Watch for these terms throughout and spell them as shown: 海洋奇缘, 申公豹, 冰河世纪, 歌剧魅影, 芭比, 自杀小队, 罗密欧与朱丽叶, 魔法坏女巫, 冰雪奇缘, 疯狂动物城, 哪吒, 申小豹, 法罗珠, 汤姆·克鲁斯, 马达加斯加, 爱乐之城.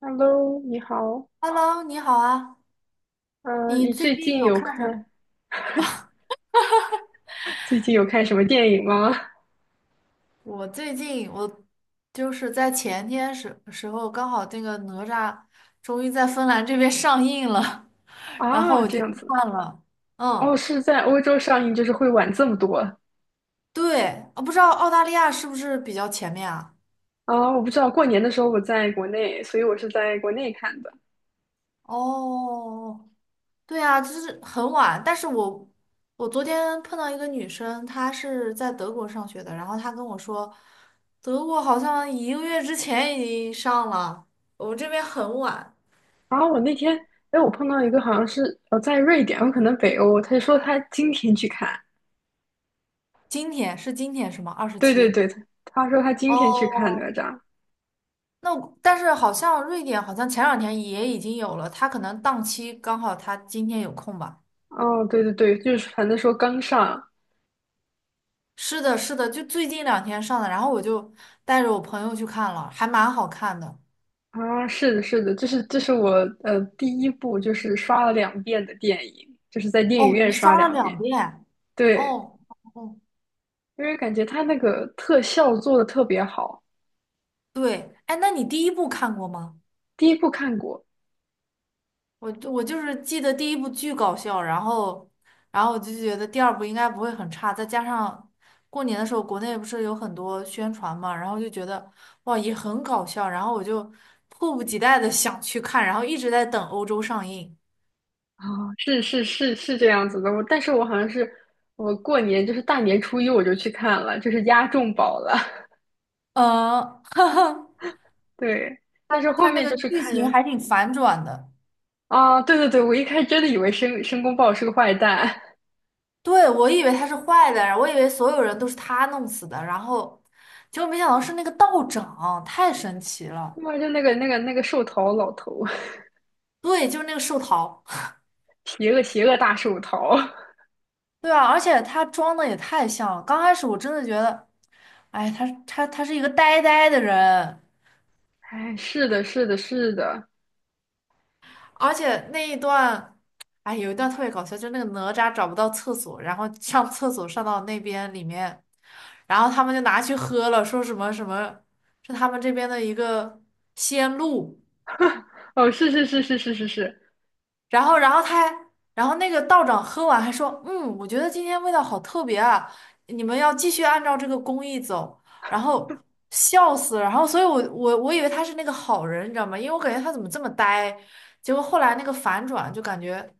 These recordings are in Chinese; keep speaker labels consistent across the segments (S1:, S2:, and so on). S1: Hello，你好。
S2: Hello，你好啊！你
S1: 你
S2: 最
S1: 最
S2: 近
S1: 近
S2: 有
S1: 有
S2: 看什
S1: 看最近有看什么电影吗？
S2: 我最近我就是在前天时候，刚好那个哪吒终于在芬兰这边上映了，然后
S1: 啊，
S2: 我
S1: 这
S2: 就去
S1: 样子。
S2: 看了。
S1: 哦，
S2: 嗯，
S1: 是在欧洲上映，就是会晚这么多。啊，
S2: 对，我不知道澳大利亚是不是比较前面啊？
S1: 我不知道，过年的时候我在国内，所以我是在国内看的。
S2: 哦，对啊，就是很晚。但是我我昨天碰到一个女生，她是在德国上学的，然后她跟我说，德国好像一个月之前已经上了，我们这边很晚。
S1: 啊，我那天，哎，我碰到一个好像是在瑞典，有可能北欧，他就说他今天去看。
S2: 今天是吗？二十
S1: 对对
S2: 七。
S1: 对，他说他今天去看哪
S2: 哦，
S1: 吒。
S2: 那我但是好像瑞典好像前两天也已经有了，他可能档期刚好他今天有空吧。
S1: 哦，对对对，就是反正说刚上。
S2: 是的，是的，就最近两天上的，然后我就带着我朋友去看了，还蛮好看的。
S1: 啊，是的，是的，这是我第一部就是刷了两遍的电影，就是在电影
S2: 哦，你
S1: 院刷
S2: 刷了
S1: 两遍。
S2: 两遍？
S1: 对，
S2: 哦哦，哦
S1: 因为感觉他那个特效做的特别好。
S2: 对，哎，那你第一部看过吗？
S1: 第一部看过。
S2: 我就是记得第一部巨搞笑，然后我就觉得第二部应该不会很差，再加上过年的时候国内不是有很多宣传嘛，然后就觉得哇也很搞笑，然后我就迫不及待的想去看，然后一直在等欧洲上映。
S1: 啊，是是是是这样子的。我但是我好像是我过年就是大年初一我就去看了，就是押中宝了。
S2: 嗯，哈哈，
S1: 对，
S2: 它
S1: 但是后
S2: 它那
S1: 面
S2: 个
S1: 就是
S2: 剧
S1: 看。
S2: 情还挺反转的，
S1: 啊，对对对，我一开始真的以为申公豹是个坏蛋，
S2: 对，我以为他是坏的，我以为所有人都是他弄死的，然后结果没想到是那个道长，太神奇
S1: 他
S2: 了。
S1: 妈就那个寿桃老头，
S2: 对，就是那个寿桃。
S1: 邪恶邪恶大寿桃。
S2: 对啊，而且他装的也太像了。刚开始我真的觉得，哎，他是一个呆呆的人，
S1: 哎，是的，是的，是的。
S2: 而且那一段，哎，有一段特别搞笑，就是那个哪吒找不到厕所，然后上厕所上到那边里面，然后他们就拿去喝了，说什么什么，是他们这边的一个仙露，
S1: 哦，是是是是是是是。
S2: 然后，然后他还，然后那个道长喝完还说，嗯，我觉得今天味道好特别啊，你们要继续按照这个工艺走。然后笑死了，然后所以我以为他是那个好人，你知道吗？因为我感觉他怎么这么呆，结果后来那个反转就感觉，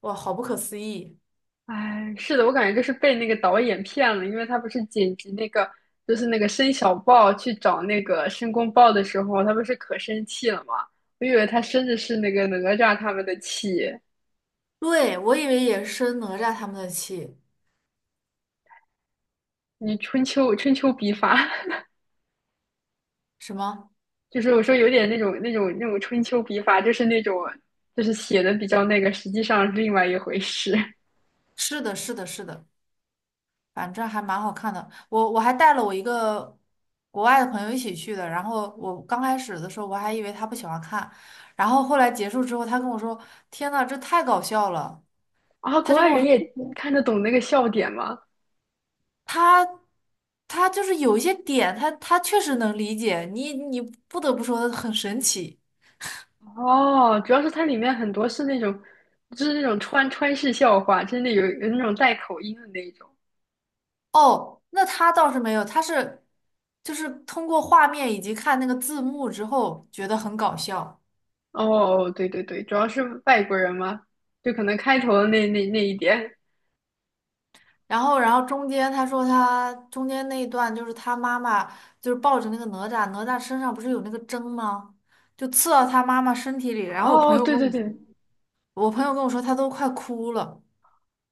S2: 哇，好不可思议。
S1: 哎，是的，我感觉就是被那个导演骗了，因为他不是剪辑那个，就是那个申小豹去找那个申公豹的时候，他不是可生气了吗？我以为他生的是那个哪吒他们的气，
S2: 对，我以为也是生哪吒他们的气，
S1: 你春秋笔法，
S2: 什么？
S1: 就是我说有点那种春秋笔法，就是那种就是写的比较那个，实际上是另外一回事。
S2: 是的，是的，是的。反正还蛮好看的。我还带了我一个国外的朋友一起去的，然后我刚开始的时候我还以为他不喜欢看，然后后来结束之后，他跟我说：“天呐，这太搞笑了！”
S1: 啊。国外人也看得懂那个笑点吗？
S2: 他他就是有一些点，他确实能理解你，你不得不说很神奇
S1: 哦，主要是它里面很多是那种，就是那种川式笑话，真的有那种带口音的那一种。
S2: 哦。那他倒是没有，他是就是通过画面以及看那个字幕之后觉得很搞笑。
S1: 哦，对对对，主要是外国人嘛，就可能开头的那一点。
S2: 然后，然后中间他说他中间那一段就是他妈妈就是抱着那个哪吒，哪吒身上不是有那个针吗？就刺到他妈妈身体里。然后我朋
S1: 哦，
S2: 友
S1: 对
S2: 跟
S1: 对
S2: 我说，
S1: 对。
S2: 我朋友跟我说他都快哭了。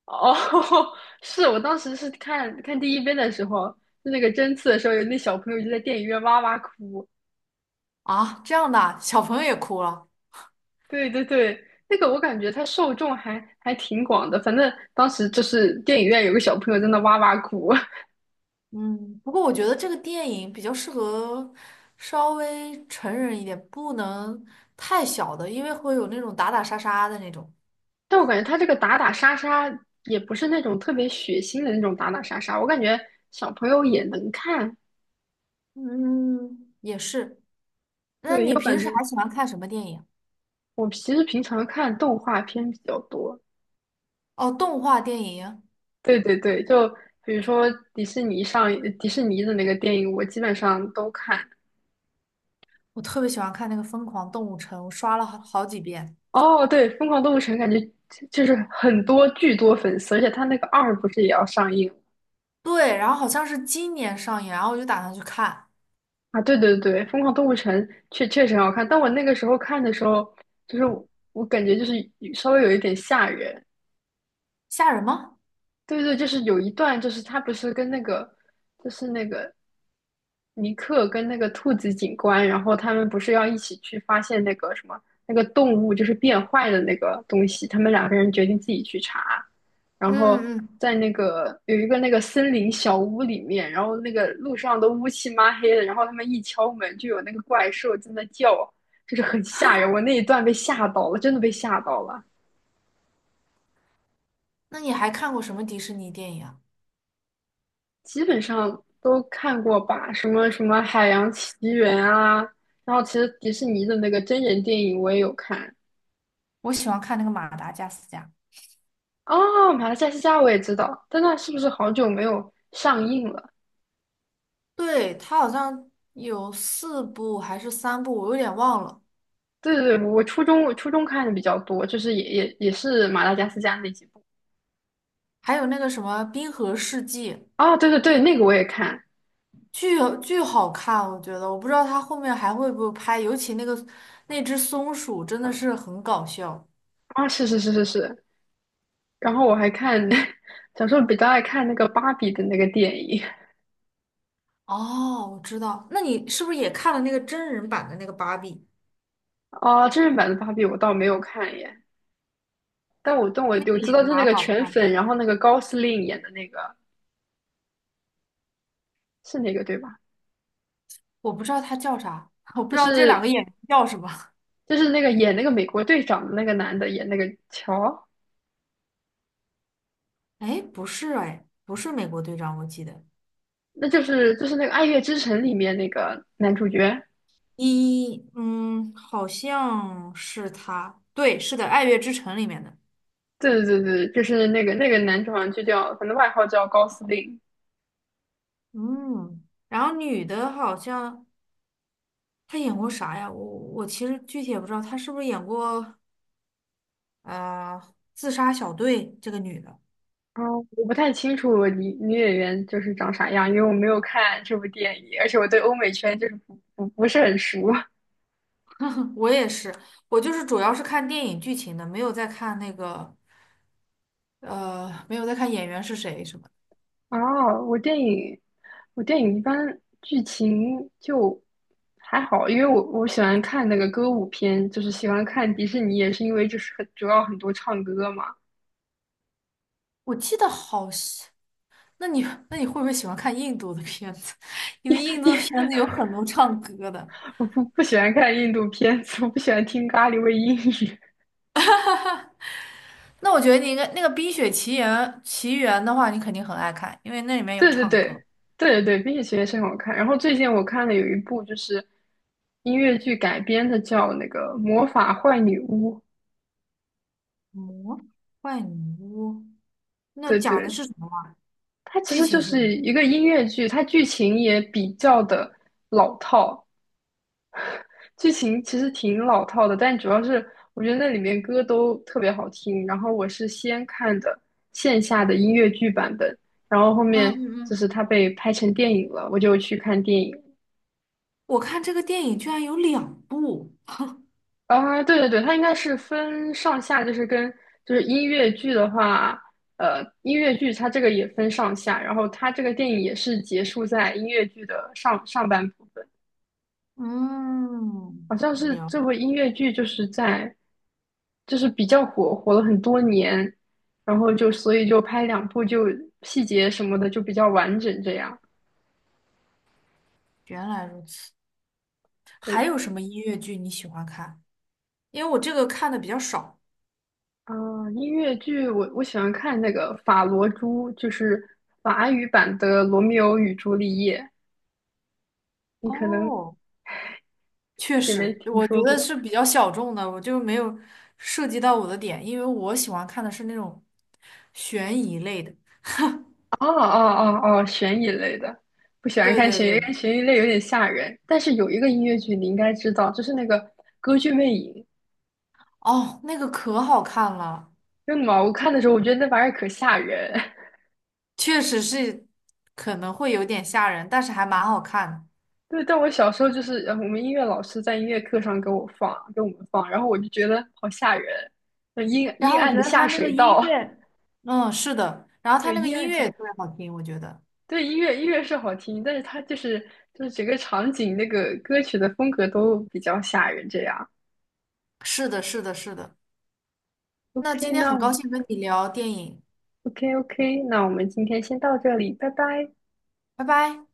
S1: 哦，是我当时是看第一遍的时候，就那个针刺的时候，有那小朋友就在电影院哇哇哭。
S2: 啊，这样的啊小朋友也哭了。
S1: 对对对，那个我感觉它受众还挺广的，反正当时就是电影院有个小朋友在那哇哇哭。
S2: 嗯，不过我觉得这个电影比较适合稍微成人一点，不能太小的，因为会有那种打打杀杀的那种。
S1: 但我感觉他这个打打杀杀也不是那种特别血腥的那种打打杀杀，我感觉小朋友也能看。
S2: 嗯，也是。那
S1: 对，又
S2: 你平
S1: 感
S2: 时还
S1: 觉
S2: 喜欢看什么电影？
S1: 我其实平常看动画片比较多。
S2: 哦，动画电影。
S1: 对对对，就比如说迪士尼上迪士尼的那个电影，我基本上都看。
S2: 我特别喜欢看那个《疯狂动物城》，我刷了好好几遍。
S1: 哦，对，《疯狂动物城》感觉就是很多巨多粉丝，而且他那个二不是也要上映
S2: 对，然后好像是今年上映，然后我就打算去看。
S1: 啊？对对对，《疯狂动物城》确实很好看，但我那个时候看的时候，就是我感觉就是稍微有一点吓人。
S2: 吓人吗？
S1: 对对，就是有一段，就是他不是跟那个，就是那个尼克跟那个兔子警官，然后他们不是要一起去发现那个什么那个动物就是变坏的那个东西，他们2个人决定自己去查，然后
S2: 嗯嗯。
S1: 在那个有一个那个森林小屋里面，然后那个路上都乌漆嘛黑的，然后他们一敲门就有那个怪兽在那叫，就是很吓人，我那一段被吓到了，真的被吓到了。
S2: 那你还看过什么迪士尼电影啊？
S1: 基本上都看过吧，什么什么《海洋奇缘》啊，然后其实迪士尼的那个真人电影我也有看。
S2: 我喜欢看那个《马达加斯加》，
S1: 哦，马来加斯加我也知道，但那是不是好久没有上映了？
S2: 对，它好像有四部还是三部，我有点忘了。
S1: 对对对，我初中看的比较多，就是也是马达加斯加那几部。
S2: 还有那个什么《冰河世纪》，
S1: 啊，对对对，那个我也看。
S2: 巨巨好看，我觉得。我不知道它后面还会不会拍，尤其那个那只松鼠真的是很搞笑。
S1: 啊，是是是是是。然后我还看，小时候比较爱看那个芭比的那个电影。
S2: 哦，我知道，那你是不是也看了那个真人版的那个芭比？
S1: 啊，真人版的芭比我倒没有看耶。但我但我
S2: 那个
S1: 我知道
S2: 也
S1: 就是那
S2: 蛮
S1: 个
S2: 好
S1: 全
S2: 看。
S1: 粉，然后那个高司令演的那个是那个对吧？
S2: 我不知道他叫啥，我不
S1: 就
S2: 知道这两个
S1: 是
S2: 演员叫什么。
S1: 就是那个演那个美国队长的那个男的演那个乔，
S2: 哎，不是哎，不是美国队长，我记得
S1: 那就是那个《爱乐之城》里面那个男主角。
S2: 一，嗯，好像是他，对，是的，《爱乐之城》里面的。
S1: 对对对对，就是那个男主好像就叫，反正外号叫高司令。
S2: 嗯，然后女的好像她演过啥呀？我其实具体也不知道，她是不是演过呃《自杀小队》这个女的？
S1: 嗯，我不太清楚女演员就是长啥样，因为我没有看这部电影，而且我对欧美圈就是不是很熟。
S2: 我也是，我就是主要是看电影剧情的，没有在看那个，没有在看演员是谁什么的。
S1: 哦，我电影一般剧情就还好，因为我喜欢看那个歌舞片，就是喜欢看迪士尼，也是因为就是很主要很多唱歌嘛。
S2: 我记得好像，那你那你会不会喜欢看印度的片子？因为印 度
S1: 因
S2: 的片
S1: 为
S2: 子有很多唱歌的。
S1: 我不喜欢看印度片子，我不喜欢听咖喱味英语。
S2: 那我觉得你应该那个《冰雪奇缘》的话，你肯定很爱看，因为那里 面有
S1: 对对
S2: 唱
S1: 对
S2: 歌。
S1: 对对对，《冰雪奇缘》是很好看。然后最近我看了有一部就是音乐剧改编的，叫那个《魔法坏女巫》。
S2: 魔幻女巫，那
S1: 对
S2: 讲的
S1: 对，
S2: 是什么啊？
S1: 它其
S2: 剧
S1: 实
S2: 情
S1: 就
S2: 是什么？
S1: 是一个音乐剧，它剧情也比较的老套，剧情其实挺老套的，但主要是我觉得那里面歌都特别好听。然后我是先看的线下的音乐剧版本，然后后
S2: 嗯
S1: 面
S2: 嗯
S1: 就是
S2: 嗯。
S1: 它被拍成电影了，我就去看电影。
S2: 我看这个电影居然有两部。
S1: 啊，对对对，它应该是分上下，就是音乐剧的话，音乐剧它这个也分上下，然后它这个电影也是结束在音乐剧的上半部分。
S2: 嗯，
S1: 好像是
S2: 了，
S1: 这部音乐剧就是在，就是比较火了很多年，然后就所以就拍2部，就细节什么的就比较完整这样。
S2: 原来如此。
S1: 对
S2: 还有
S1: 的。
S2: 什么音乐剧你喜欢看？因为我这个看的比较少。
S1: 啊、音乐剧我喜欢看那个《法罗珠》，就是法语版的《罗密欧与朱丽叶》，你可能
S2: 哦，确
S1: 也没
S2: 实，
S1: 听
S2: 我觉
S1: 说
S2: 得
S1: 过。
S2: 是比较小众的，我就没有涉及到我的点，因为我喜欢看的是那种悬疑类的。
S1: 哦哦哦哦，悬疑类的，不喜欢
S2: 对
S1: 看
S2: 对
S1: 悬疑，因
S2: 对，
S1: 为悬疑类有点吓人。但是有一个音乐剧你应该知道，就是那个《歌剧魅影》。
S2: 哦，那个可好看了，
S1: 真的吗？我看的时候，我觉得那玩意儿可吓人。
S2: 确实是可能会有点吓人，但是还蛮好看的。
S1: 对，但我小时候就是我们音乐老师在音乐课上给我放，给我们放，然后我就觉得好吓人，那阴
S2: 然
S1: 阴
S2: 后我
S1: 暗
S2: 觉
S1: 的
S2: 得他
S1: 下
S2: 那个
S1: 水
S2: 音
S1: 道，
S2: 乐，嗯，是的，然 后他
S1: 对，
S2: 那个
S1: 阴
S2: 音
S1: 暗
S2: 乐
S1: 下，
S2: 也特别好听，我觉得。
S1: 对，音乐是好听，但是它就是整个场景那个歌曲的风格都比较吓人，这样。
S2: 是的，是的，是的。那
S1: OK，
S2: 今天很高兴跟你聊电影，
S1: OK OK，那我们今天先到这里，拜拜。
S2: 拜拜。